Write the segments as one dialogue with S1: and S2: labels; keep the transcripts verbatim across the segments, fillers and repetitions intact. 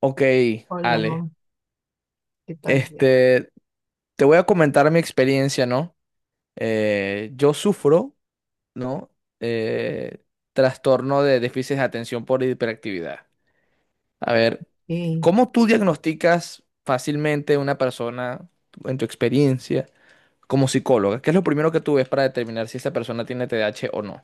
S1: Ok,
S2: Hola,
S1: Ale,
S2: ¿qué tal?
S1: este, te voy a comentar mi experiencia, ¿no? Eh, yo sufro, ¿no? Eh, trastorno de déficit de atención por hiperactividad. A ver,
S2: Eh,
S1: ¿cómo tú diagnosticas fácilmente una persona en tu experiencia como psicóloga? ¿Qué es lo primero que tú ves para determinar si esa persona tiene T D A H o no?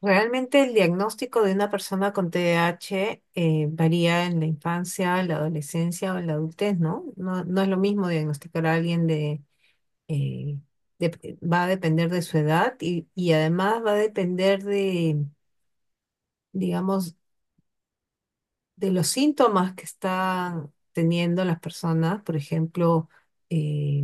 S2: Realmente el diagnóstico de una persona con T D A H eh, varía en la infancia, la adolescencia o en la adultez, ¿no? No, no es lo mismo diagnosticar a alguien de, eh, de- va a depender de su edad y, y además va a depender de, digamos, de los síntomas que están teniendo las personas, por ejemplo, eh,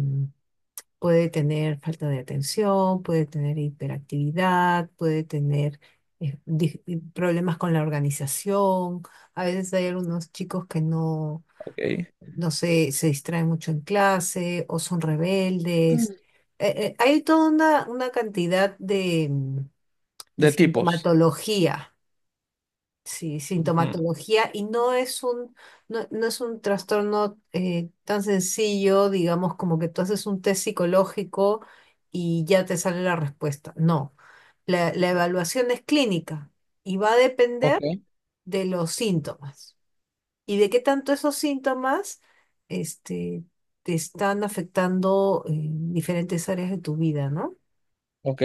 S2: puede tener falta de atención, puede tener hiperactividad, puede tener eh, dif- problemas con la organización. A veces hay algunos chicos que no,
S1: Ok.
S2: no sé, se distraen mucho en clase o son rebeldes. Eh, eh, hay toda una, una cantidad de, mm, de
S1: De tipos.
S2: sintomatología. Sí,
S1: Ujú.
S2: sintomatología y no es un, no, no es un trastorno eh, tan sencillo, digamos, como que tú haces un test psicológico y ya te sale la respuesta. No, la, la evaluación es clínica y va a
S1: Ok,
S2: depender de los síntomas y de qué tanto esos síntomas este, te están afectando en diferentes áreas de tu vida, ¿no?
S1: ok,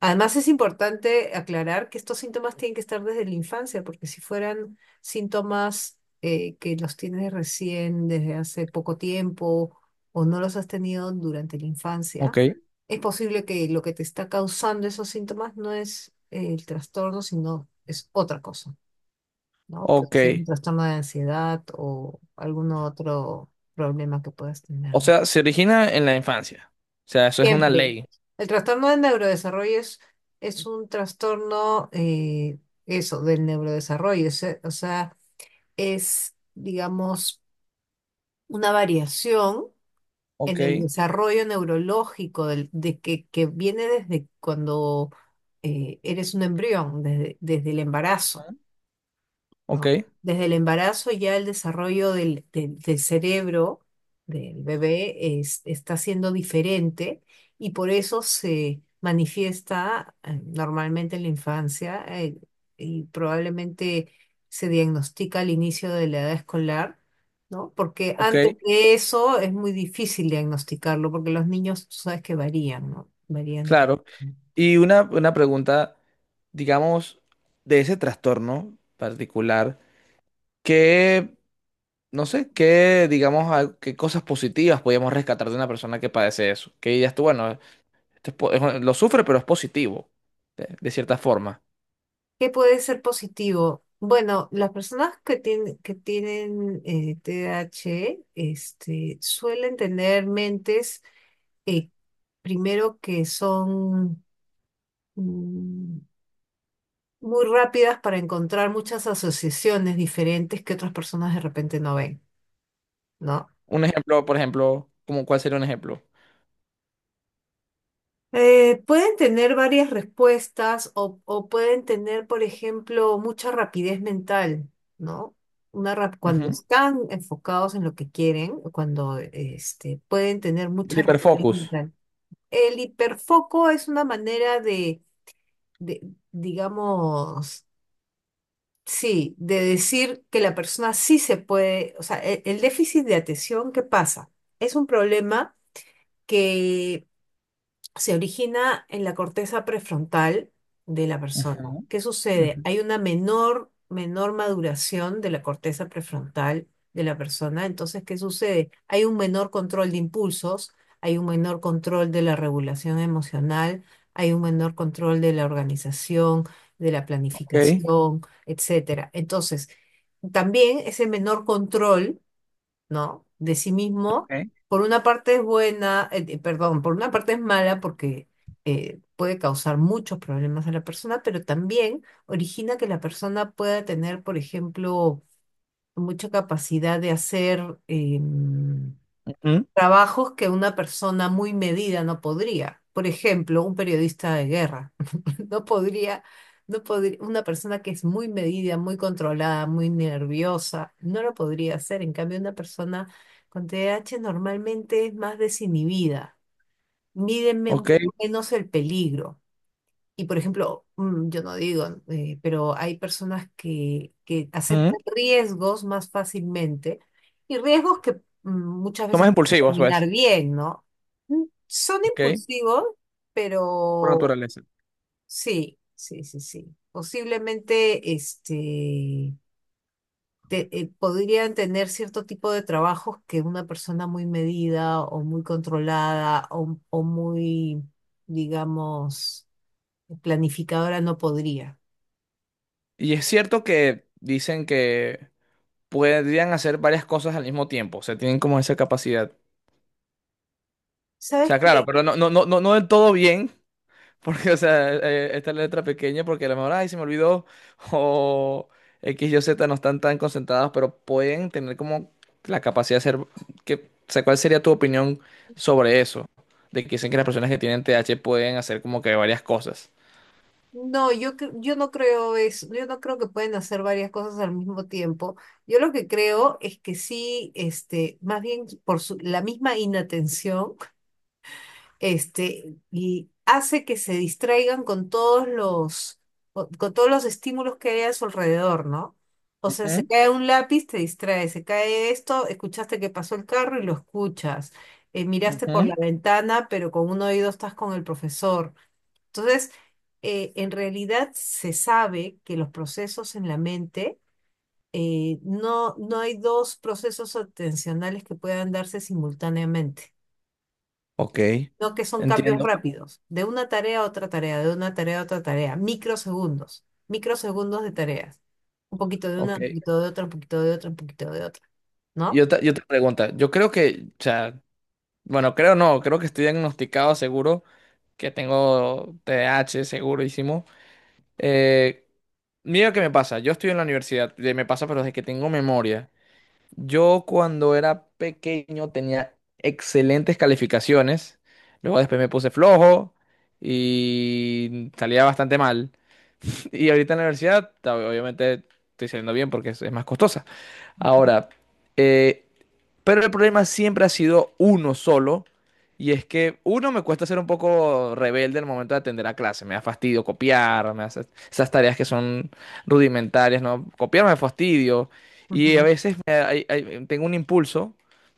S2: Además, es importante aclarar que estos síntomas tienen que estar desde la infancia, porque si fueran síntomas eh, que los tienes recién desde hace poco tiempo o no los has tenido durante la infancia,
S1: ok,
S2: es posible que lo que te está causando esos síntomas no es eh, el trastorno, sino es otra cosa, ¿no? Puede
S1: ok.
S2: ser un trastorno de ansiedad o algún otro problema que puedas
S1: O
S2: tener.
S1: sea, se origina en la infancia. O sea, eso es una
S2: Siempre.
S1: ley.
S2: El trastorno del neurodesarrollo es, es un trastorno, eh, eso, del neurodesarrollo. Es, eh, o sea, es, digamos, una variación
S1: Ok,
S2: en el desarrollo neurológico del- de que, que viene desde cuando eh, eres un embrión, desde, desde el embarazo.
S1: ajá, ok,
S2: ¿No? Desde el embarazo ya el desarrollo del, del- del cerebro del bebé es- está siendo diferente y por eso se manifiesta eh, normalmente en la infancia eh, y probablemente se diagnostica al inicio de la edad escolar, ¿no? Porque
S1: ok,
S2: antes de eso es muy difícil diagnosticarlo porque los niños, tú sabes que varían, ¿no? Varían de...
S1: claro. Y una, una pregunta, digamos, de ese trastorno particular, ¿qué, no sé, qué, digamos, a- qué cosas positivas podríamos rescatar de una persona que padece eso? Que dirías tú, bueno, esto es po- es- lo sufre, pero es positivo, de, de cierta forma.
S2: ¿Qué puede ser positivo? Bueno, las personas que tienen, que tienen eh, T D A H este, suelen tener mentes, eh, primero que son mm, muy rápidas para encontrar muchas asociaciones diferentes que otras personas de repente no ven, ¿no?
S1: Un ejemplo, por ejemplo, ¿cómo, cuál sería un ejemplo?
S2: Eh, pueden tener varias respuestas o, o pueden tener, por ejemplo, mucha rapidez mental, ¿no? Una rap- cuando
S1: Ujú.
S2: están enfocados en lo que quieren, cuando este, pueden tener
S1: El
S2: mucha rapidez
S1: hiperfocus.
S2: mental. El hiperfoco es una manera de, de, digamos, sí, de decir que la persona sí se puede, o sea, el el déficit de atención, ¿qué pasa? Es un problema que se origina en la corteza prefrontal de la
S1: Ujú,
S2: persona. ¿Qué sucede?
S1: ujú.
S2: Hay una menor, menor maduración de la corteza prefrontal de la persona. Entonces, ¿qué sucede? Hay un menor control de impulsos, hay un menor control de la regulación emocional, hay un menor control de la organización, de la
S1: Ok.
S2: planificación, etcétera. Entonces, también ese menor control, ¿no? De sí mismo,
S1: Ok.
S2: por una parte es buena, eh, eh, perdón, por una parte es mala porque eh, puede causar muchos problemas a la persona, pero también origina que la persona pueda tener, por ejemplo, mucha capacidad de hacer em,
S1: Ujú,
S2: trabajos que una persona muy medida no podría. Por ejemplo, un periodista de guerra. No podría, no podría, una persona que es muy medida, muy controlada, muy nerviosa, no lo podría hacer. En cambio, una persona con T D A H normalmente es más desinhibida, mídenme un
S1: ok.
S2: poco menos el peligro. Y por ejemplo, mm, yo no digo, eh, pero hay personas que, que
S1: Ujú.
S2: aceptan riesgos más fácilmente y riesgos que mm, muchas
S1: Son
S2: veces
S1: más
S2: pueden
S1: impulsivos,
S2: terminar
S1: pues,
S2: bien, ¿no? Mm, Son
S1: ¿ok?
S2: impulsivos,
S1: Por
S2: pero
S1: naturaleza.
S2: sí, sí, sí, sí. Posiblemente este, te- eh, podrían tener cierto tipo de trabajos que una persona muy medida o muy controlada o, o muy, digamos, planificadora no podría.
S1: Y es cierto que dicen que podrían hacer varias cosas al mismo tiempo, o sea, tienen como esa capacidad. O
S2: ¿Sabes
S1: sea, claro,
S2: qué?
S1: pero no, no, no, no, no del todo bien, porque, o sea, eh, eh, esta letra pequeña, porque a lo mejor, ay, se me olvidó, o X, Y, Z no están tan concentrados, pero pueden tener como la capacidad de hacer, que, o sea, ¿cuál sería tu opinión sobre eso? De que dicen que las personas que tienen T H pueden hacer como que varias cosas.
S2: No, yo, cre- yo no creo eso, yo no creo que pueden hacer varias cosas al mismo tiempo. Yo lo que creo es que sí, este, más bien por su- la misma inatención este, y hace que se distraigan con todos los, co- con todos los estímulos que hay a su alrededor, ¿no? O sea, se
S1: Ujú,
S2: cae un lápiz, te distrae, se cae esto, escuchaste que pasó el carro y lo escuchas. Eh, miraste por
S1: ujú.
S2: la ventana, pero con un oído estás con el profesor. Entonces, eh, en realidad se sabe que los procesos en la mente, eh, no, no hay dos procesos atencionales que puedan darse simultáneamente.
S1: Ok,
S2: No que son cambios
S1: entiendo.
S2: rápidos, de una tarea a otra tarea, de una tarea a otra tarea, microsegundos, microsegundos de tareas. Un poquito de una,
S1: Ok.
S2: un poquito de otra, un poquito de otra, un poquito de otra,
S1: Y
S2: ¿no?
S1: otra, y otra pregunta. Yo creo que, o sea, bueno, creo no, creo que estoy diagnosticado seguro, que tengo T D A H segurísimo. Eh, mira qué me pasa. Yo estoy en la universidad, de- me pasa, pero desde que tengo memoria. Yo cuando era pequeño tenía excelentes calificaciones. Luego después me puse flojo y salía bastante mal. Y ahorita en la universidad, ob- obviamente estoy saliendo bien porque es es más costosa. Ahora, eh, pero el problema siempre ha sido uno solo. Y es que uno me cuesta ser un poco rebelde al momento de atender a clase. Me da fastidio copiar, me hace esas tareas que son rudimentarias, ¿no? Copiar me da fastidio. Y a
S2: Ujú.
S1: veces me- hay- hay- tengo un impulso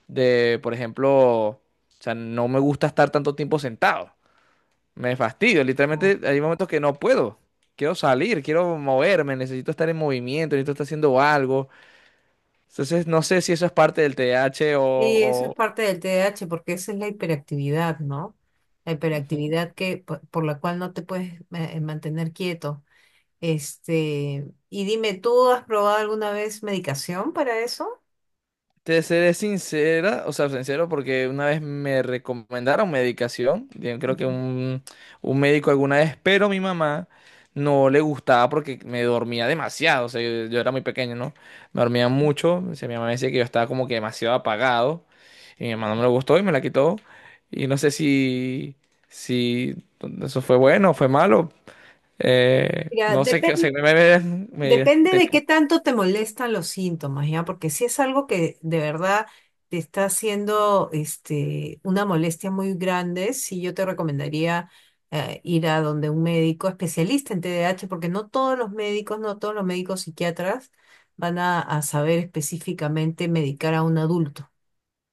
S1: de, por ejemplo, o sea, no me gusta estar tanto tiempo sentado. Me fastidio.
S2: Oh.
S1: Literalmente hay momentos que no puedo. Quiero salir, quiero moverme, necesito estar en movimiento, necesito estar haciendo algo. Entonces, no sé si eso es parte del T H o...
S2: Y eso es
S1: o...
S2: parte del T D A H porque esa es la hiperactividad, ¿no? La
S1: ujú.
S2: hiperactividad que, po- por, la cual no te puedes eh, mantener quieto. Este, y dime, ¿tú has probado alguna vez medicación para eso?
S1: Te seré sincera, o sea, sincero, porque una vez me recomendaron medicación, yo creo que
S2: Ujú.
S1: un, un médico alguna vez, pero mi mamá no le gustaba porque me dormía demasiado, o sea, yo, yo era muy pequeño, ¿no? Me dormía mucho, o sea, mi mamá decía que yo estaba como que demasiado apagado, y mi mamá no me lo gustó y me la quitó, y no sé si, si eso fue bueno o fue malo, eh,
S2: Mira,
S1: no sé qué, o sea,
S2: depende.
S1: me, me, me-
S2: Depende
S1: tenía.
S2: de qué tanto te molestan los síntomas, ¿ya? Porque si es algo que de verdad te está haciendo este, una molestia muy grande, sí, yo te recomendaría eh, ir a donde un médico especialista en T D A H, porque no todos los médicos, no todos los médicos psiquiatras van a, a saber específicamente medicar a un adulto,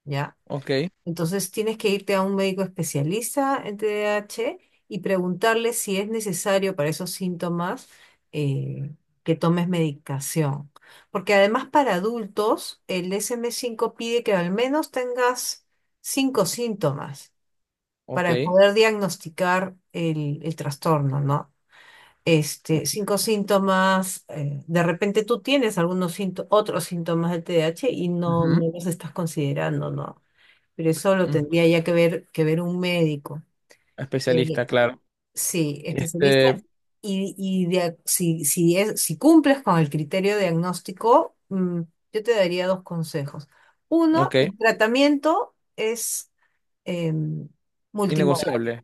S2: ¿ya?
S1: Ok,
S2: Entonces tienes que irte a un médico especialista en T D A H y preguntarle si es necesario para esos síntomas eh, que tomes medicación. Porque además para adultos el D S M cinco pide que al menos tengas cinco síntomas para
S1: ok.
S2: poder diagnosticar el, el trastorno, ¿no? Este, cinco síntomas, eh, de repente tú tienes algunos sínto- otros síntomas del T D A H y no,
S1: Ujú,
S2: no los estás considerando, ¿no? Pero eso lo
S1: ujú.
S2: tendría ya que ver, que ver un médico.
S1: Especialista,
S2: Eh,
S1: claro.
S2: sí,
S1: Este,
S2: especialista. Y, y dia- si, si, es, si cumples con el criterio diagnóstico, mm, yo te daría dos consejos. Uno,
S1: ok.
S2: el tratamiento es multi,
S1: Innegociable.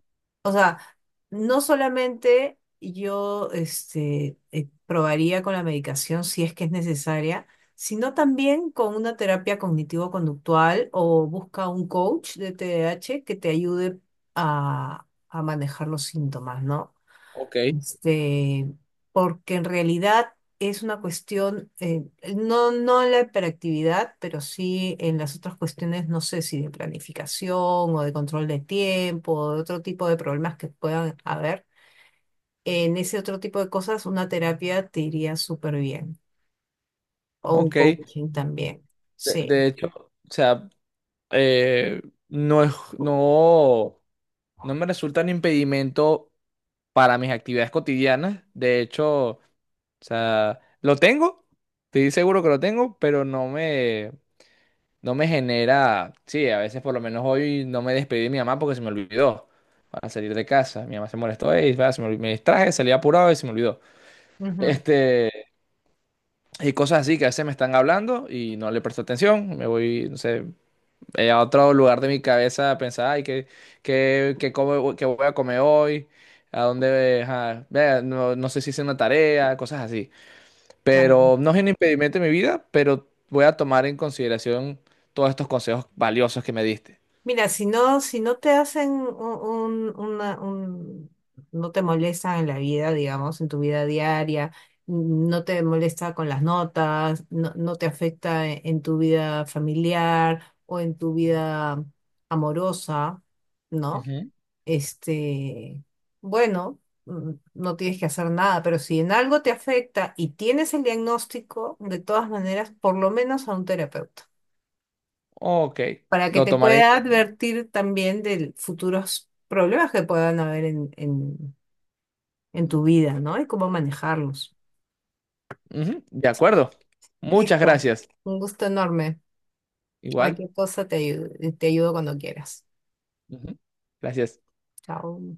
S2: no solamente yo este, eh, probaría con la medicación si es que es necesaria, sino también con una terapia cognitivo-conductual o busca un coach de T D A H que te ayude a, a manejar los síntomas, ¿no?
S1: Ok,
S2: Este, porque en realidad es una cuestión, eh, no, no en la hiperactividad, pero sí en las otras cuestiones, no sé si de planificación o de control de tiempo o de otro tipo de problemas que puedan haber en ese otro tipo de cosas, una terapia te iría súper bien. O un
S1: ok. De,
S2: coaching también. Sí.
S1: de hecho, o sea, eh, no es, no, no me resulta un impedimento para mis actividades cotidianas. De hecho, o sea, lo tengo, estoy seguro que lo tengo, pero no me, no me genera, sí, a veces por lo menos hoy no me despedí de mi mamá porque se me olvidó para salir de casa. Mi mamá se molestó, "Ey, va, se me, olvi- me distraje, salí apurado y se me olvidó".
S2: Ujú,
S1: Este, y cosas así que a veces me están hablando y no le presto atención, me voy, no sé, eh, a otro lugar de mi cabeza a pensar, ay, ¿qué, qué, qué, como- qué voy a comer hoy? ¿A dónde? Ajá, vea, no, no sé si hice una tarea, cosas así.
S2: claro.
S1: Pero no es un impedimento en mi vida, pero voy a tomar en consideración todos estos consejos valiosos que me diste.
S2: Mira, si no, si no te hacen un, un- una, un- no te molestan en la vida, digamos, en tu vida diaria, no te molesta con las notas, no, no te afecta en, en tu vida familiar o en tu vida amorosa, ¿no?
S1: Ujú.
S2: Este, bueno, mm, no tienes que hacer nada, pero si en algo te afecta y tienes el diagnóstico, de todas maneras, por lo menos a un terapeuta,
S1: Ok,
S2: para que
S1: lo
S2: te
S1: tomaré
S2: pueda
S1: entonces.
S2: advertir también de futuros problemas que puedan haber en, en, en tu vida, ¿no? Y cómo manejarlos.
S1: Ujú, de
S2: Sí.
S1: acuerdo. Muchas
S2: Listo.
S1: gracias.
S2: Un gusto enorme.
S1: Igual.
S2: Cualquier cosa te ayudo, te ayudo cuando quieras.
S1: Ujú. Gracias.
S2: Chao.